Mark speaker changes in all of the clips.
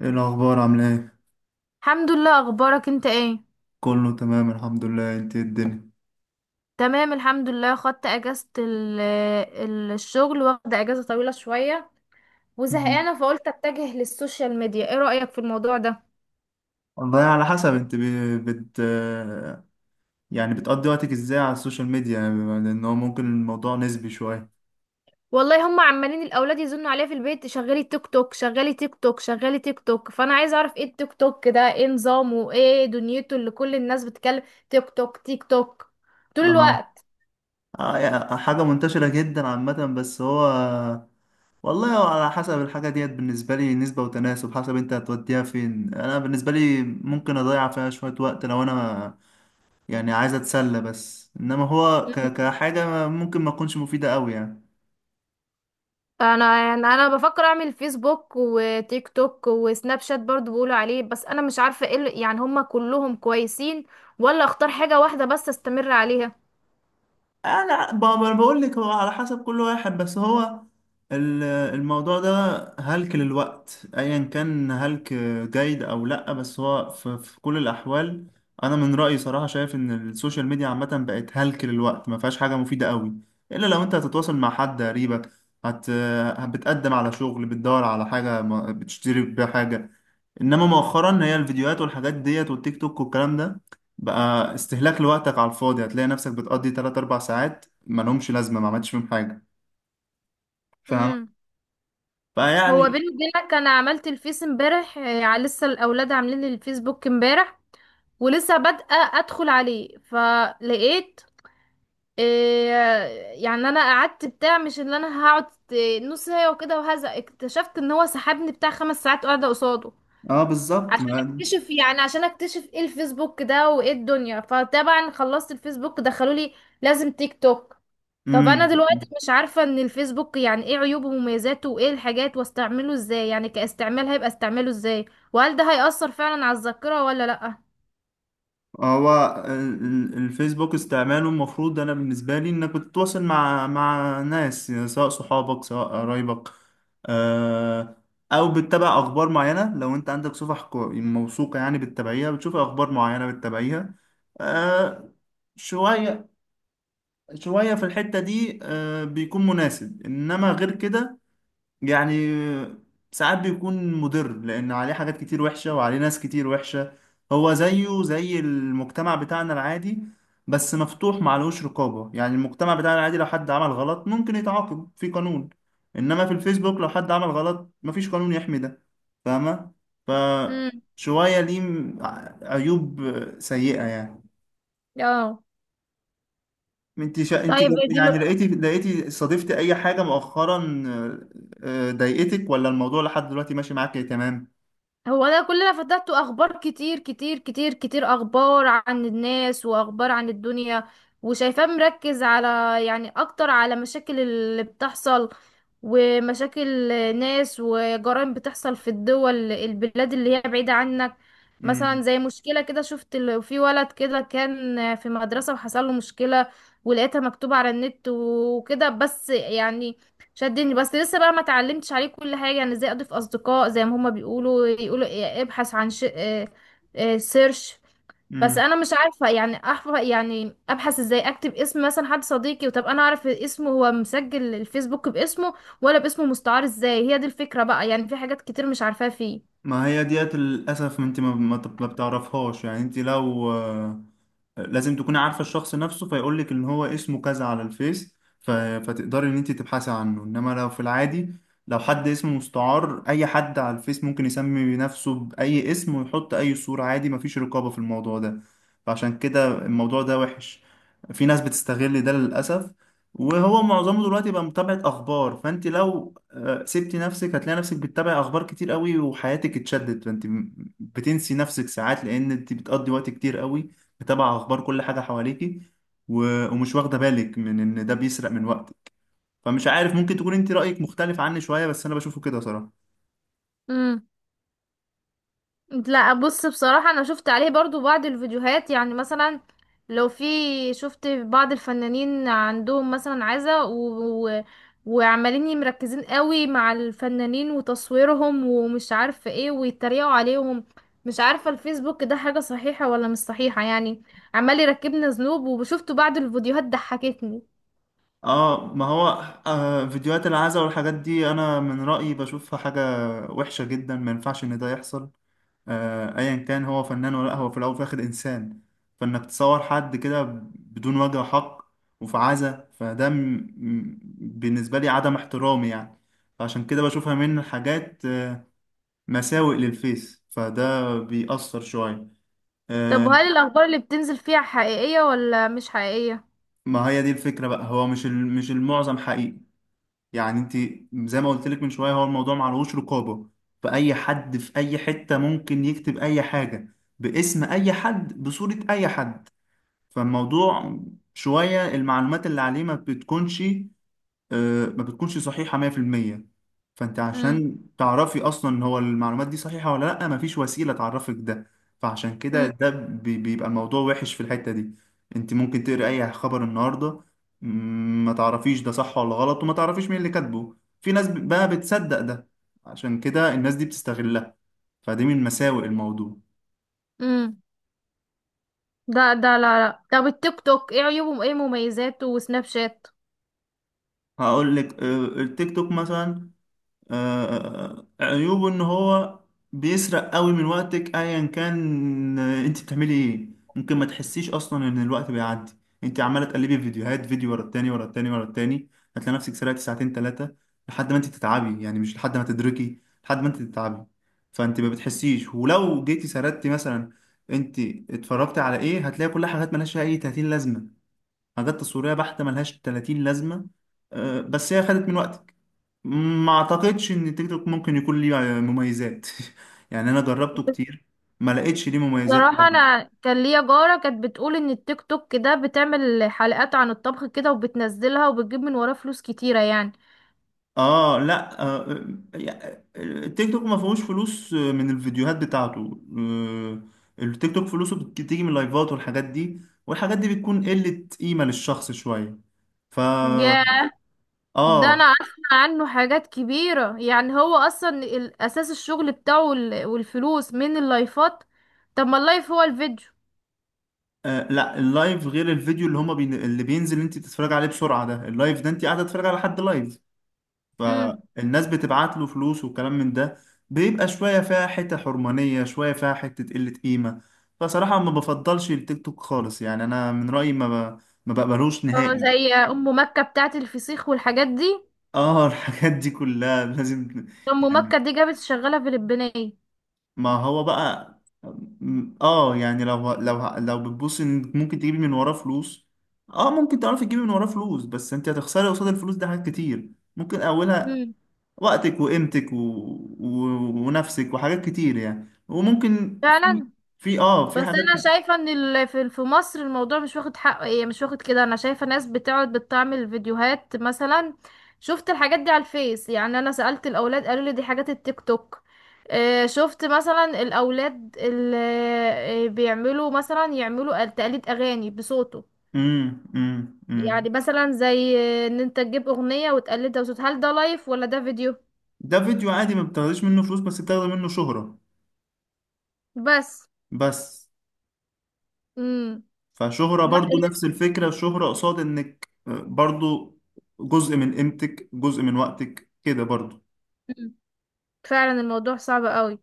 Speaker 1: ايه الاخبار عامله ايه؟
Speaker 2: الحمد لله، اخبارك انت ايه؟
Speaker 1: كله تمام الحمد لله، انت إيه الدنيا؟
Speaker 2: تمام الحمد لله، خدت اجازة الشغل، واخدة اجازة طويلة شوية
Speaker 1: مم.
Speaker 2: وزهقانة فقلت اتجه للسوشيال ميديا. ايه رأيك في الموضوع ده؟
Speaker 1: والله على حسب انت بي- بت يعني بتقضي وقتك ازاي على السوشيال ميديا، يعني بما لان هو ممكن الموضوع نسبي شويه.
Speaker 2: والله هم عمالين الاولاد يزنوا عليا في البيت: شغلي تيك توك، شغلي تيك توك، شغلي تيك توك. فانا عايزة اعرف ايه التيك توك ده، ايه نظامه، ايه دنيته اللي كل الناس بتتكلم تيك توك تيك توك طول
Speaker 1: اه
Speaker 2: الوقت.
Speaker 1: اه، يعني حاجه منتشره جدا عامه، بس هو والله هو على حسب الحاجه ديت، بالنسبه لي نسبه وتناسب حسب انت هتوديها فين. انا بالنسبه لي ممكن اضيع فيها شويه وقت لو انا يعني عايز اتسلى، بس انما هو كحاجه ممكن ما تكونش مفيده قوي يعني.
Speaker 2: انا يعني بفكر اعمل فيسبوك وتيك توك وسناب شات، برضو بيقولوا عليه. بس انا مش عارفه يعني هما كلهم كويسين، ولا اختار حاجه واحده بس استمر عليها؟
Speaker 1: آه لا، بقول لك هو على حسب كل واحد، بس هو ال- الموضوع ده هلك للوقت ايا كان، هلك جيد او لا، بس هو في كل الاحوال انا من رايي صراحه شايف ان السوشيال ميديا عامه بقت هلك للوقت، ما فيهاش حاجه مفيده قوي، الا لو انت هتتواصل مع حد قريبك، هت بتقدم على شغل، بتدور على حاجه، بتشتري بيها حاجه. انما مؤخرا هي الفيديوهات والحاجات ديت والتيك توك والكلام ده بقى استهلاك لوقتك على الفاضي، هتلاقي نفسك بتقضي 3 4 ساعات ما لهمش لازمه، ما عملتش فيهم حاجه، فاهم؟
Speaker 2: امم، هو
Speaker 1: فيعني
Speaker 2: بيني وبينك انا عملت الفيس امبارح، آه، يعني لسه الاولاد عاملين لي الفيسبوك امبارح ولسه بادئه ادخل عليه فلقيت، آه، يعني انا قعدت بتاع مش اللي انا هقعد، آه، نص ساعه وكده، وهذا اكتشفت ان هو سحبني بتاع خمس ساعات قاعده قصاده
Speaker 1: اه بالظبط
Speaker 2: عشان
Speaker 1: ما.
Speaker 2: اكتشف يعني عشان اكتشف ايه الفيسبوك ده وايه الدنيا. فطبعا خلصت الفيسبوك دخلوا لي لازم تيك توك. طب انا
Speaker 1: امم.
Speaker 2: دلوقتي مش عارفة ان الفيسبوك يعني ايه عيوبه ومميزاته وايه الحاجات، واستعمله ازاي يعني، كاستعمال هيبقى استعماله ازاي؟ وهل ده هيأثر فعلا على الذاكرة ولا لأ؟
Speaker 1: هو الفيسبوك استعماله المفروض، انا بالنسبه لي، انك بتتواصل مع ناس، يعني سواء صحابك سواء قرايبك، آه، او بتتابع اخبار معينه، لو انت عندك صفح موثوقه يعني بتتابعيها، بتشوف اخبار معينه بتتابعيها، آه، شويه شويه في الحته دي، آه، بيكون مناسب، انما غير كده يعني ساعات بيكون مضر، لأن عليه حاجات كتير وحشة وعليه ناس كتير وحشة. هو زيه زي المجتمع بتاعنا العادي، بس مفتوح معلهوش رقابة. يعني المجتمع بتاعنا العادي لو حد عمل غلط ممكن يتعاقب في قانون، إنما في الفيسبوك لو حد عمل غلط مفيش قانون يحمي ده، فاهمة؟
Speaker 2: امم،
Speaker 1: فشوية ليه عيوب سيئة يعني.
Speaker 2: اه،
Speaker 1: انت
Speaker 2: طيب
Speaker 1: يعني لقيتي صادفتي اي حاجه مؤخرا آه، آه، ضايقتك، ولا الموضوع لحد دلوقتي ماشي معاك تمام؟
Speaker 2: هو انا كل اللي فتحته اخبار، كتير كتير كتير كتير اخبار عن الناس واخبار عن الدنيا، وشايفاه مركز على، يعني اكتر على مشاكل اللي بتحصل، ومشاكل ناس وجرائم بتحصل في الدول، البلاد اللي هي بعيدة عنك. مثلا
Speaker 1: امم
Speaker 2: زي مشكلة كده، شفت في ولد كده كان في مدرسة وحصل له مشكلة ولقيتها مكتوبة على النت وكده. بس يعني شدني. بس لسه بقى ما اتعلمتش عليه كل حاجة، يعني ازاي اضيف اصدقاء زي ما هما بيقولوا، يقولوا إيه، ابحث عن إيه، إيه، سيرش. بس
Speaker 1: امم.
Speaker 2: انا مش عارفة يعني احفظ، يعني ابحث ازاي، اكتب اسم مثلا حد صديقي. وطب انا اعرف اسمه هو مسجل الفيسبوك باسمه ولا باسمه مستعار؟ ازاي، هي دي الفكرة بقى، يعني في حاجات كتير مش عارفاها فيه.
Speaker 1: ما هي ديت للاسف انت ما بتعرفهاش، يعني انت لو آه، لازم تكوني عارفة الشخص نفسه فيقول لك ان هو اسمه كذا على الفيس، فتقدري ان انت تبحثي عنه، انما لو في العادي لو حد اسمه مستعار اي حد على الفيس ممكن يسمي نفسه باي اسم ويحط اي صورة عادي، مفيش رقابة في الموضوع ده، فعشان كده الموضوع ده وحش. في ناس بتستغل ده للأسف، وهو معظمه دلوقتي بقى متابعة اخبار، فانت لو آه، سبتي نفسك هتلاقي نفسك بتتابعي اخبار كتير قوي وحياتك اتشدت، فانت بتنسي نفسك ساعات لان انت بتقضي وقت كتير قوي متابعة أخبار كل حاجة حواليكي، و... ومش واخدة بالك من إن ده بيسرق من وقتك. فمش عارف ممكن تكون أنت رأيك مختلف عني شوية، بس أنا بشوفه كده صراحة.
Speaker 2: امم، لا بص، بصراحة انا شفت عليه برضو بعض الفيديوهات، يعني مثلا لو في، شفت بعض الفنانين عندهم مثلا عزا وعمالين مركزين قوي مع الفنانين وتصويرهم ومش عارفة ايه، ويتريقوا عليهم. مش عارفة الفيسبوك ده حاجة صحيحة ولا مش صحيحة يعني، عمال يركبنا ذنوب. وشفت بعض الفيديوهات ضحكتني.
Speaker 1: آه ما هو آه، فيديوهات العزا والحاجات دي أنا من رأيي بشوفها حاجة وحشة جدا، ما ينفعش إن ده يحصل. آه أيا كان هو فنان ولا لأ، هو في الأول وفي الآخر إنسان، فإنك تصور حد كده بدون وجه حق وفي عزا، بالنسبة لي عدم احترامي يعني، فعشان كده بشوفها من الحاجات مساوئ للفيس، فده بيأثر شوية
Speaker 2: طب
Speaker 1: آه،.
Speaker 2: وهل الاخبار اللي بتنزل فيها حقيقية ولا مش حقيقية؟
Speaker 1: ما هي دي الفكرة بقى، هو مش المعظم حقيقي، يعني انت زي ما قلت لك من شوية، هو الموضوع معلهوش رقابة، فأي حد في أي حتة ممكن يكتب أي حاجة باسم أي حد بصورة أي حد، فالموضوع شوية المعلومات اللي عليه ما بتكونش صحيحة 100%. فانت
Speaker 2: امم،
Speaker 1: عشان تعرفي اصلا ان هو المعلومات دي صحيحة ولا لا مفيش وسيلة تعرفك ده، فعشان كده ده بيبقى الموضوع وحش في الحتة دي. انت ممكن تقري اي خبر النهاردة، ما تعرفيش ده صح ولا غلط، وما تعرفيش مين اللي كاتبه، في ناس بقى بتصدق ده، عشان كده الناس دي بتستغلها، فدي من مساوئ الموضوع.
Speaker 2: امم، ده لا، طب التيك توك ايه عيوبه وايه مميزاته، وسناب شات؟
Speaker 1: هقول لك آه، التيك توك مثلا عيوبه ان هو بيسرق قوي من وقتك ايا كان آه، انت بتعملي ايه. ممكن ما تحسيش اصلا ان الوقت بيعدي، انت عماله تقلبي في فيديوهات، فيديو ورا التاني ورا التاني ورا التاني، هتلاقي نفسك سرقتي ساعتين ثلاثه لحد ما انت تتعبي، يعني مش لحد ما تدركي لحد ما انت تتعبي، فانت ما بتحسيش. ولو جيتي سردتي مثلا انت اتفرجتي على ايه، هتلاقي كل حاجات ملهاش اي 30 لازمه، حاجات تصويريه بحته ملهاش 30 لازمه، آه، بس هي خدت من وقتك. ما اعتقدش ان تيك توك ممكن يكون ليه مميزات، يعني انا جربته كتير، ما لقيتش ليه مميزات
Speaker 2: بصراحة
Speaker 1: أبداً.
Speaker 2: انا كان ليا جارة كانت بتقول ان التيك توك ده بتعمل حلقات عن الطبخ كده وبتنزلها وبتجيب من وراه فلوس كتيرة يعني.
Speaker 1: اه لا آه يا- التيك توك ما فيهوش فلوس من الفيديوهات بتاعته، آه، التيك توك فلوسه بتيجي من اللايفات والحاجات دي، والحاجات دي بتكون قلة قيمة للشخص شوية. ف
Speaker 2: يا ده انا
Speaker 1: اه
Speaker 2: اسمع عنه حاجات كبيرة يعني، هو اصلا اساس الشغل بتاعه والفلوس من اللايفات. طب ما اللايف هو الفيديو.
Speaker 1: آه، لا اللايف غير الفيديو، اللي بينزل انت تتفرج عليه بسرعة، ده اللايف، ده انت قاعدة تتفرج على حد لايف،
Speaker 2: امم،
Speaker 1: فالناس بتبعت له فلوس وكلام من ده، بيبقى شوية فيها حتة حرمانية، شوية فيها حتة قلة قيمة. فصراحة ما بفضلش التيك توك خالص، يعني أنا من رأيي ما بقبلوش
Speaker 2: اه
Speaker 1: نهائي.
Speaker 2: زي ام مكة بتاعت الفسيخ والحاجات دي.
Speaker 1: اه الحاجات دي كلها لازم
Speaker 2: ام
Speaker 1: يعني،
Speaker 2: مكة دي جابت شغالة فلبينية.
Speaker 1: ما هو بقى اه آه، يعني لو بتبص ان ممكن تجيبي من وراه فلوس، اه ممكن تعرفي تجيبي من وراه فلوس، بس انت هتخسري قصاد الفلوس ده حاجات كتير، ممكن اولها
Speaker 2: امم،
Speaker 1: وقتك وقيمتك و... ونفسك وحاجات كتير يعني، وممكن في
Speaker 2: فعلا.
Speaker 1: في اه في
Speaker 2: بس
Speaker 1: حاجات.
Speaker 2: انا شايفه ان في في مصر الموضوع مش واخد حقه، ايه مش واخد كده. انا شايفه ناس بتقعد بتعمل فيديوهات، مثلا شفت الحاجات دي على الفيس، يعني انا سألت الاولاد قالوا لي دي حاجات التيك توك. آه، شفت مثلا الاولاد اللي بيعملوا مثلا يعملوا تقليد اغاني بصوته،
Speaker 1: امم امم امم
Speaker 2: يعني مثلا زي، آه، ان انت تجيب اغنيه وتقلدها بصوت، هل ده لايف ولا ده فيديو؟
Speaker 1: ده فيديو عادي ما بتاخديش منه فلوس، بس بتاخدي منه شهرة.
Speaker 2: بس،
Speaker 1: بس
Speaker 2: امم،
Speaker 1: فشهرة
Speaker 2: لا
Speaker 1: برضو نفس الفكرة، الشهرة قصاد انك آه، برضو جزء من قيمتك جزء من وقتك كده برضو.
Speaker 2: مم. فعلا الموضوع صعب قوي.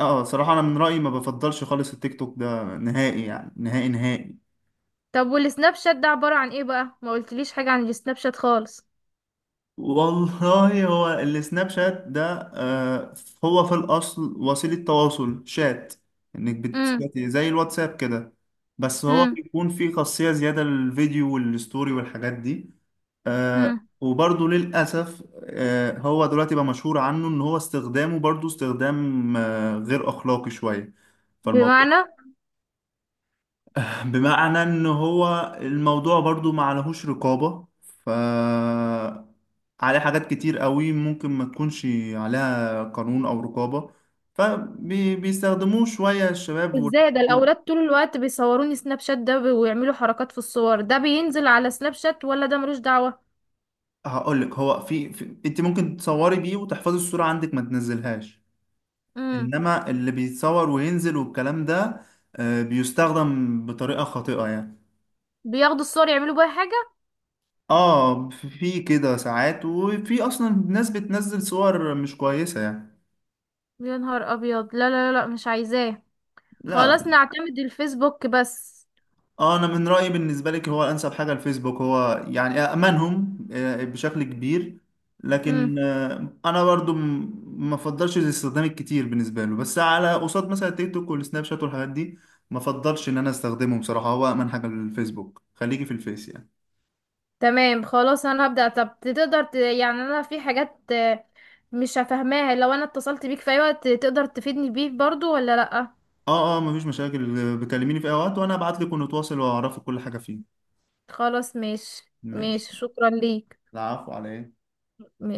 Speaker 1: اه صراحة انا من رأيي ما بفضلش خالص التيك توك ده نهائي، يعني نهائي نهائي.
Speaker 2: طب والسناب شات ده عبارة عن ايه بقى؟ ما قلتليش حاجة عن السناب شات خالص.
Speaker 1: والله هو السناب شات ده آه، هو في الأصل وسيلة تواصل شات، إنك
Speaker 2: امم،
Speaker 1: بتشاتي زي الواتساب كده، بس هو
Speaker 2: امم،
Speaker 1: بيكون فيه خاصية زيادة للفيديو والستوري والحاجات دي آه،.
Speaker 2: امم،
Speaker 1: وبرضه للأسف آه، هو دلوقتي بقى مشهور عنه إن هو استخدامه برضه استخدام آه، غير أخلاقي شوية. فالموضوع
Speaker 2: بمعنى،
Speaker 1: بمعنى ان هو الموضوع برضو ما عليهوش رقابة، ف عليه حاجات كتير قوي ممكن ما تكونش عليها قانون او رقابة، فبيستخدموه شوية الشباب
Speaker 2: ازاي
Speaker 1: والحاجات
Speaker 2: ده
Speaker 1: دي.
Speaker 2: الاولاد طول الوقت بيصوروني سناب شات ده، ويعملوا حركات في الصور، ده بينزل على سناب شات ولا ده ملوش دعوة؟
Speaker 1: هقول لك هو في انت ممكن تصوري بيه وتحفظي الصورة عندك ما تنزلهاش،
Speaker 2: امم،
Speaker 1: انما اللي بيتصور وينزل والكلام ده آه، بيستخدم بطريقة خاطئة يعني.
Speaker 2: بياخدوا الصور يعملوا بيها حاجة؟
Speaker 1: اه في كده ساعات، وفي اصلا ناس بتنزل صور مش كويسة يعني.
Speaker 2: يا نهار ابيض، لا لا لا مش عايزاه،
Speaker 1: لا
Speaker 2: خلاص نعتمد الفيسبوك بس.
Speaker 1: اه انا من رايي بالنسبه لك هو انسب حاجه الفيسبوك، هو يعني امنهم آه، بشكل كبير، لكن
Speaker 2: امم،
Speaker 1: آه، انا برضو ما افضلش الاستخدام الكتير بالنسبه له، بس على قصاد مثلا التيك توك والسناب شات والحاجات دي ما افضلش ان انا استخدمه. بصراحه هو امن حاجه الفيسبوك، خليكي في الفيس يعني.
Speaker 2: تمام خلاص انا هبدأ. طب تقدر يعني انا في حاجات، آه، مش هفهماها، لو انا اتصلت بيك في اي وقت تقدر تفيدني بيه برضو ولا لا؟
Speaker 1: اه مفيش مشاكل، آه، بكلميني في اي وقت وانا ابعت لك ونتواصل واعرفك كل حاجه فيه.
Speaker 2: خلاص ماشي.
Speaker 1: ماشي،
Speaker 2: ماشي، شكرا ليك.
Speaker 1: العفو عليك.
Speaker 2: ماشي.